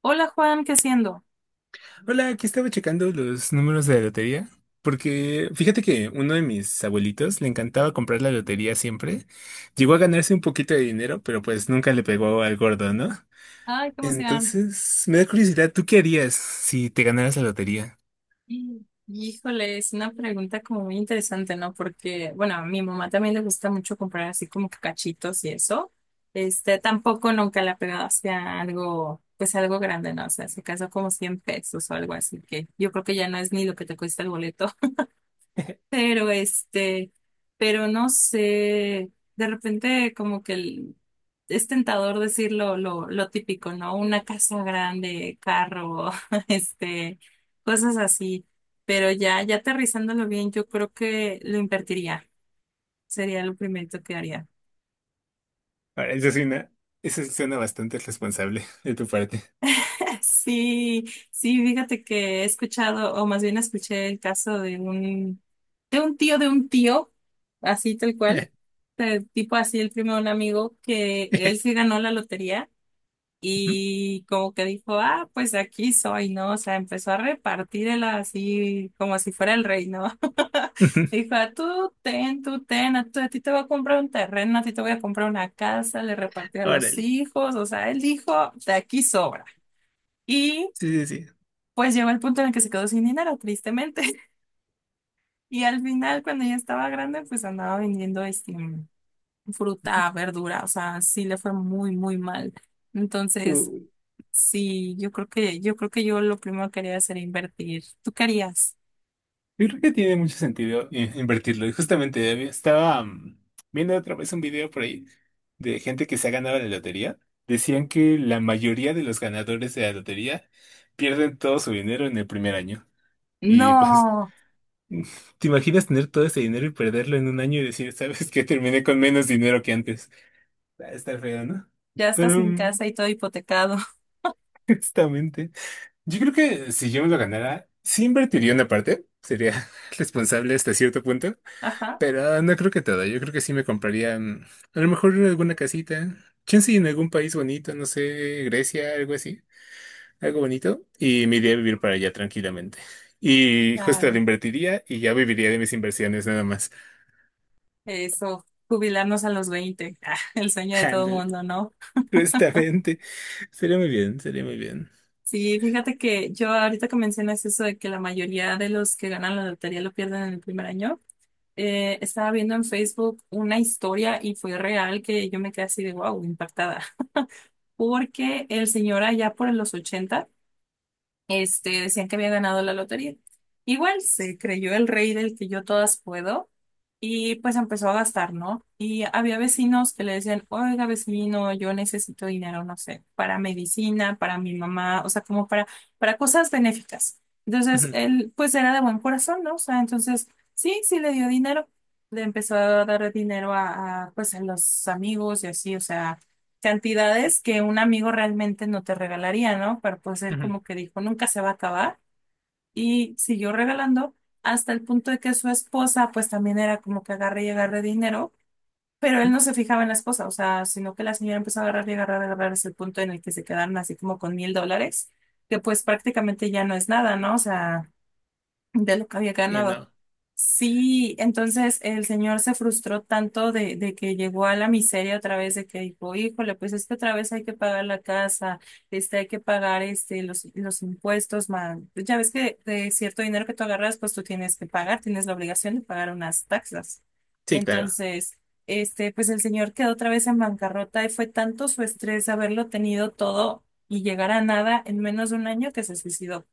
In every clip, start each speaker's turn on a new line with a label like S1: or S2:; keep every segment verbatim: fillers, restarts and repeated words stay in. S1: Hola Juan, ¿qué haciendo?
S2: Hola, aquí estaba checando los números de la lotería, porque fíjate que uno de mis abuelitos le encantaba comprar la lotería siempre. Llegó a ganarse un poquito de dinero, pero pues nunca le pegó al gordo, ¿no?
S1: Ay, ¿cómo se llama?
S2: Entonces, me da curiosidad, ¿tú qué harías si te ganaras la lotería?
S1: Híjole, es una pregunta como muy interesante, ¿no? Porque, bueno, a mi mamá también le gusta mucho comprar así como que cachitos y eso. Este, tampoco nunca le ha pegado hacia algo, pues algo grande, ¿no? O sea, se casó como cien pesos o algo así, que yo creo que ya no es ni lo que te cuesta el boleto. Pero este, pero no sé, de repente como que el- es tentador decir lo, lo, lo típico, ¿no? Una casa grande, carro, este, cosas así, pero ya, ya aterrizándolo bien, yo creo que lo invertiría, sería lo primero que haría.
S2: Ahora, eso suena, eso suena bastante responsable de tu parte.
S1: Sí, sí, fíjate que he escuchado, o más bien escuché el caso de un, de un tío de un tío, así tal cual eh, tipo así el primo de un amigo que él sí ganó la lotería y como que dijo, ah, pues aquí soy, ¿no? O sea, empezó a repartirla así como si fuera el rey, ¿no? Dijo, "Ah, tú ten, tú ten, a, tú- a ti te voy a comprar un terreno, a ti te voy a comprar una casa, le repartió a los
S2: Órale.
S1: hijos, o sea, él dijo, de aquí sobra. Y
S2: Sí, sí,
S1: pues llegó el punto en el que se quedó sin dinero, tristemente. Y al final, cuando ya estaba grande, pues andaba vendiendo este. fruta, verdura, o sea, sí le fue muy, muy mal. Entonces,
S2: sí.
S1: sí, yo creo que, yo creo que yo lo primero que haría sería invertir. ¿Tú querías?
S2: Yo creo que tiene mucho sentido eh, invertirlo. Y justamente había- estaba mm, viendo otra vez un video por ahí de gente que se ha ganado la lotería. Decían que la mayoría de los ganadores de la lotería pierden todo su dinero en el primer año. Y pues,
S1: No,
S2: ¿te imaginas tener todo ese dinero y perderlo en un año y decir, ¿sabes qué? Terminé con menos dinero que antes. Va a estar feo, ¿no?
S1: ya estás
S2: Pero,
S1: sin
S2: mm,
S1: casa y todo hipotecado.
S2: justamente, yo creo que si yo me lo ganara, sí invertiría una parte. Sería responsable hasta cierto punto.
S1: Ajá,
S2: Pero ah, no creo que toda, yo creo que sí me compraría mm, a lo mejor alguna casita, chance en algún país bonito, no sé, Grecia, algo así, algo bonito, y me iría a vivir para allá tranquilamente. Y justo lo
S1: claro.
S2: invertiría y ya viviría de mis inversiones nada más.
S1: Eso, jubilarnos a los veinte, ah, el sueño de todo
S2: Ándale,
S1: mundo, ¿no?
S2: justamente. Sería muy bien, sería muy bien.
S1: Sí, fíjate que yo ahorita que mencionas eso de que la mayoría de los que ganan la lotería lo pierden en el primer año, eh, estaba viendo en Facebook una historia y fue real que yo me quedé así de wow, impactada. Porque el señor allá por los ochenta este, decían que había ganado la lotería. Igual se creyó el rey del que yo todas puedo y pues empezó a gastar, ¿no? Y había vecinos que le decían, oiga vecino, yo necesito dinero, no sé, para medicina, para mi mamá, o sea, como para, para cosas benéficas. Entonces,
S2: Ujú,
S1: él pues era de buen corazón, ¿no? O sea, entonces, sí, sí le dio dinero. Le empezó a dar dinero a, a, pues a los amigos y así, o sea, cantidades que un amigo realmente no te regalaría, ¿no? Pero pues él
S2: ujú,
S1: como que dijo, nunca se va a acabar y siguió regalando hasta el punto de que su esposa pues también era como que agarre y agarre dinero, pero él
S2: ujú.
S1: no se fijaba en la esposa, o sea, sino que la señora empezó a agarrar y agarrar y agarrar hasta el punto en el que se quedaron así como con mil dólares, que pues prácticamente ya no es nada, ¿no? O sea, de lo que había
S2: Y
S1: ganado.
S2: no,
S1: Sí, entonces el señor se frustró tanto de, de que llegó a la miseria otra vez, de que dijo, híjole, pues es que otra vez hay que pagar la casa, este, hay que pagar este, los, los impuestos, man. Ya ves que de cierto dinero que tú agarras, pues tú tienes que pagar, tienes la obligación de pagar unas taxas.
S2: sí, claro.
S1: Entonces, este, pues el señor quedó otra vez en bancarrota y fue tanto su estrés haberlo tenido todo y llegar a nada en menos de un año que se suicidó.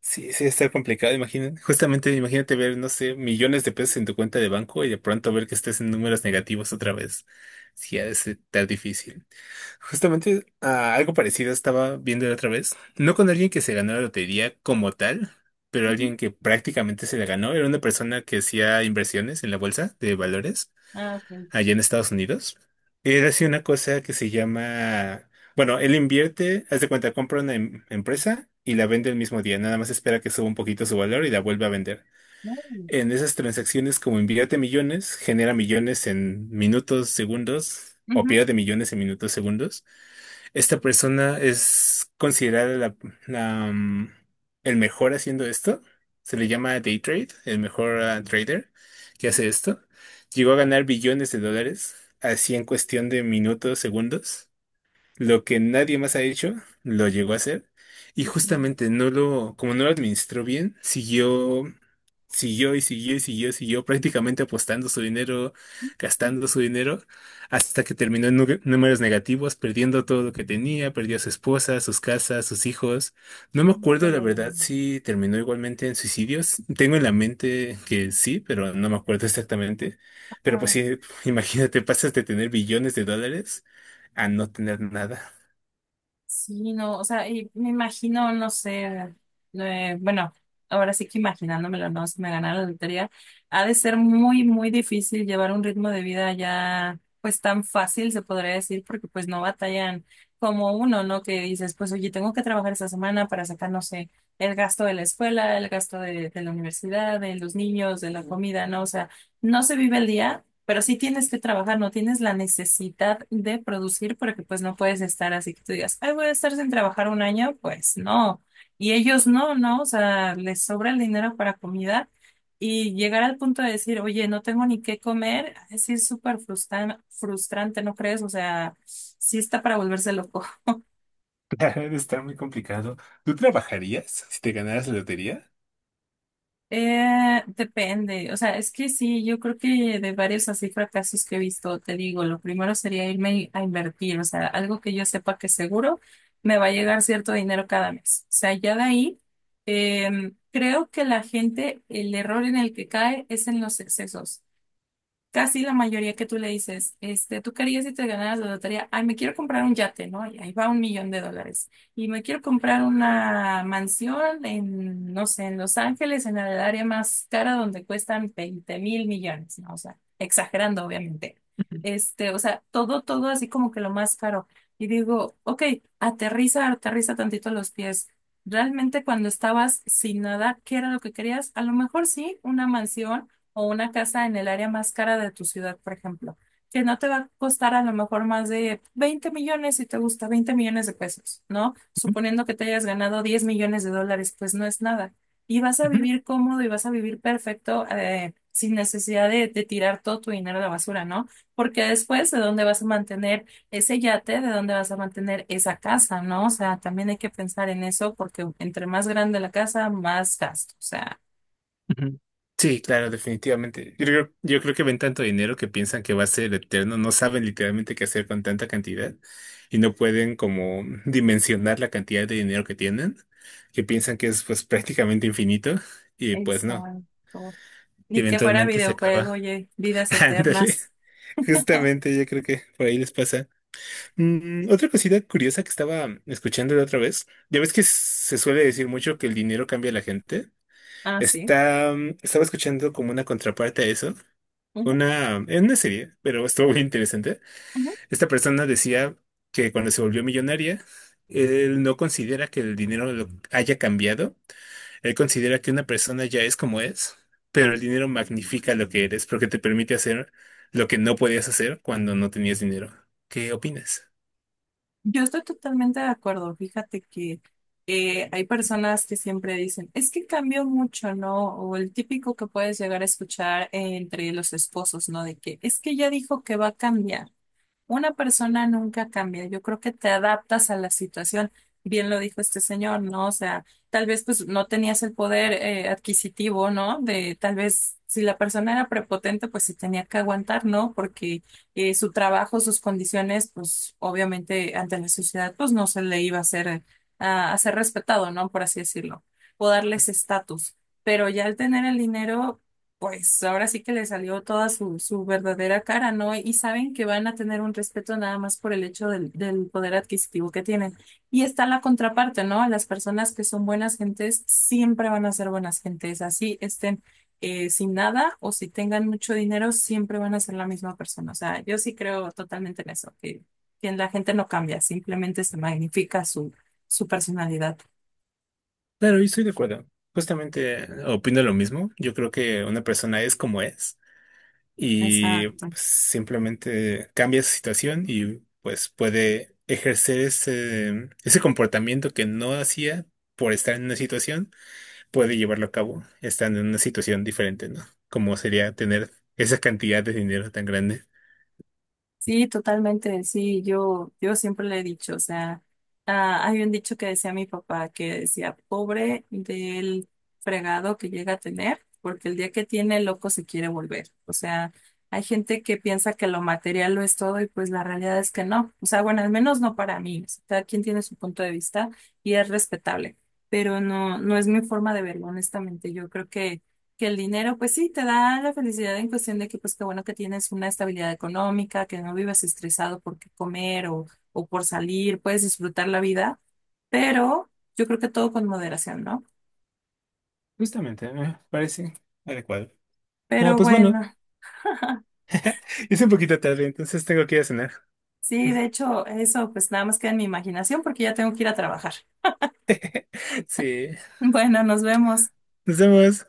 S2: Sí, sí, está complicado, imagínate. Justamente, imagínate ver, no sé, millones de pesos en tu cuenta de banco y de pronto ver que estés en números negativos otra vez. Sí, ha de ser tan difícil. Justamente, ah, algo parecido estaba viendo la otra vez. No con alguien que se ganó la lotería como tal, pero
S1: Ujú.
S2: alguien que prácticamente se la ganó. Era una persona que hacía inversiones en la bolsa de valores
S1: Ah, ok.
S2: allá en Estados Unidos. Él hace una cosa que se llama, bueno, él invierte, haz de cuenta, compra una em- empresa y la vende el mismo día, nada más espera que suba un poquito su valor y la vuelve a vender.
S1: Uy.
S2: En esas transacciones, como invierte millones, genera millones en minutos, segundos, o
S1: Ujú.
S2: pierde millones en minutos, segundos. Esta persona es considerada la, la, mm, el mejor haciendo esto. Se le llama day trade, el mejor ah, trader que hace esto. Llegó a ganar billones de dólares, así en cuestión de minutos, segundos. Lo que nadie más ha hecho, lo llegó a hacer. Y justamente no lo, como no lo administró bien, siguió, siguió y siguió y siguió, siguió prácticamente apostando su dinero, gastando su dinero, hasta que terminó en nu- números negativos, perdiendo todo lo que tenía, perdió a su esposa, sus casas, sus hijos. No me acuerdo, la
S1: Híjole.
S2: verdad, si terminó igualmente en suicidios. Tengo en la mente que sí, pero no me acuerdo exactamente. Pero pues
S1: Ajá.
S2: sí, imagínate, pasas de tener billones de dólares a no tener nada.
S1: Sí, no, o sea, y me imagino, no sé, eh, bueno, ahora sí que imaginándomelo, no, si me ganara la lotería, ha de ser muy, muy difícil llevar un ritmo de vida ya, pues tan fácil, se podría decir, porque pues no batallan como uno, ¿no? Que dices, pues oye, tengo que trabajar esta semana para sacar, no sé, el gasto de la escuela, el gasto de, de la universidad, de los niños, de la comida, ¿no? O sea, no se vive el día. Pero sí tienes que trabajar, no tienes la necesidad de producir porque pues no puedes estar así que tú digas, ay, voy a estar sin trabajar un año, pues no. Y ellos no, no, o sea, les sobra el dinero para comida y llegar al punto de decir, oye, no tengo ni qué comer, así es súper frustran- frustrante, ¿no crees? O sea, sí está para volverse loco.
S2: Claro, debe estar muy complicado. ¿Tú trabajarías si te ganaras la lotería?
S1: Eh, depende, o sea, es que sí, yo creo que de varios así fracasos que he visto, te digo, lo primero sería irme a invertir, o sea, algo que yo sepa que seguro me va a llegar cierto dinero cada mes. O sea, ya de ahí, em, creo que la gente, el error en el que cae es en los excesos casi la mayoría que tú le dices, este, ¿tú querías harías si te ganaras la lotería? Ay, me quiero comprar un yate, ¿no? Y ahí va un millón de dólares. Y me quiero comprar una mansión en, no sé, en Los Ángeles, en el área más cara donde cuestan veinte mil millones, ¿no? O sea, exagerando, obviamente. Este, o sea, todo, todo así como que lo más caro. Y digo, ok, aterriza, aterriza tantito los pies. Realmente cuando estabas sin nada, ¿qué era lo que querías? A lo mejor sí, una mansión o una casa en el área más cara de tu ciudad, por ejemplo, que no te va a costar a lo mejor más de veinte millones si te gusta veinte millones de pesos, ¿no? Suponiendo que te hayas ganado diez millones de dólares, pues no es nada. Y vas a
S2: Ujú.
S1: vivir cómodo y vas a vivir perfecto, eh, sin necesidad de, de tirar todo tu dinero a la basura, ¿no? Porque después, ¿de dónde vas a mantener ese yate? ¿De dónde vas a mantener esa casa, ¿no? O sea, también hay que pensar en eso porque entre más grande la casa, más gasto. O sea,
S2: Sí, claro, definitivamente. Yo creo, yo creo que ven tanto dinero que piensan que va a ser eterno, no saben literalmente qué hacer con tanta cantidad y no pueden como dimensionar la cantidad de dinero que tienen, que piensan que es pues prácticamente infinito y pues no,
S1: exacto. Ni que fuera
S2: eventualmente se
S1: videojuego,
S2: acaba.
S1: oye, vidas
S2: Ándale,
S1: eternas.
S2: justamente yo creo que por ahí les pasa. Mm, otra cosita curiosa que estaba escuchando la otra vez, ya ves que se suele decir mucho que el dinero cambia a la gente.
S1: Ah, sí.
S2: Está, mm, estaba escuchando como una contraparte a eso,
S1: Ujú,
S2: una, en una serie, pero estuvo muy interesante.
S1: ujú.
S2: Esta persona decía que cuando se volvió millonaria, él no considera que el dinero lo haya cambiado, él considera que una persona ya es como es, pero el dinero magnifica lo que eres porque te permite hacer lo que no podías hacer cuando no tenías dinero. ¿Qué opinas?
S1: Yo estoy totalmente de acuerdo. Fíjate que eh, hay personas que siempre dicen, es que cambió mucho, ¿no? O el típico que puedes llegar a escuchar entre los esposos, ¿no? De que es que ya dijo que va a cambiar. Una persona nunca cambia. Yo creo que te adaptas a la situación. Bien lo dijo este señor, ¿no? O sea, tal vez pues no tenías el poder eh, adquisitivo, ¿no? De tal vez si la persona era prepotente, pues se tenía que aguantar, ¿no? Porque eh, su trabajo, sus condiciones, pues obviamente ante la sociedad, pues no se le iba a hacer, eh, a, a ser respetado, ¿no? Por así decirlo, o darles estatus. Pero ya al tener el dinero, pues ahora sí que le salió toda su, su verdadera cara, ¿no? Y saben que van a tener un respeto nada más por el hecho del, del poder adquisitivo que tienen. Y está la contraparte, ¿no? Las personas que son buenas gentes siempre van a ser buenas gentes, así estén eh, sin nada o si tengan mucho dinero, siempre van a ser la misma persona. O sea, yo sí creo totalmente en eso, que, que la gente no cambia, simplemente se magnifica su, su personalidad.
S2: Claro, yo estoy de acuerdo. Justamente eh, opino lo mismo. Yo creo que una persona es como es y
S1: Exacto.
S2: pues, simplemente cambia su situación y pues puede ejercer ese, ese comportamiento que no hacía por estar en una situación, puede llevarlo a cabo estando en una situación diferente, ¿no? Como sería tener esa cantidad de dinero tan grande.
S1: Sí, totalmente, sí, yo, yo siempre le he dicho, o sea, ah, hay un dicho que decía mi papá, que decía, pobre del fregado que llega a tener, porque el día que tiene loco se quiere volver. O sea, hay gente que piensa que lo material lo es todo y pues la realidad es que no. O sea, bueno, al menos no para mí. O sea, cada quien tiene su punto de vista y es respetable, pero no, no es mi forma de verlo, honestamente. Yo creo que que el dinero, pues sí, te da la felicidad en cuestión de que, pues qué bueno que tienes una estabilidad económica, que no vives estresado por qué comer o, o por salir, puedes disfrutar la vida, pero yo creo que todo con moderación, ¿no?
S2: Justamente, me parece adecuado. Ah,
S1: Pero
S2: pues bueno,
S1: bueno,
S2: es un poquito tarde, entonces tengo que ir a cenar.
S1: sí, de hecho, eso pues nada más queda en mi imaginación porque ya tengo que ir a trabajar.
S2: Sí,
S1: Bueno, nos vemos.
S2: nos vemos.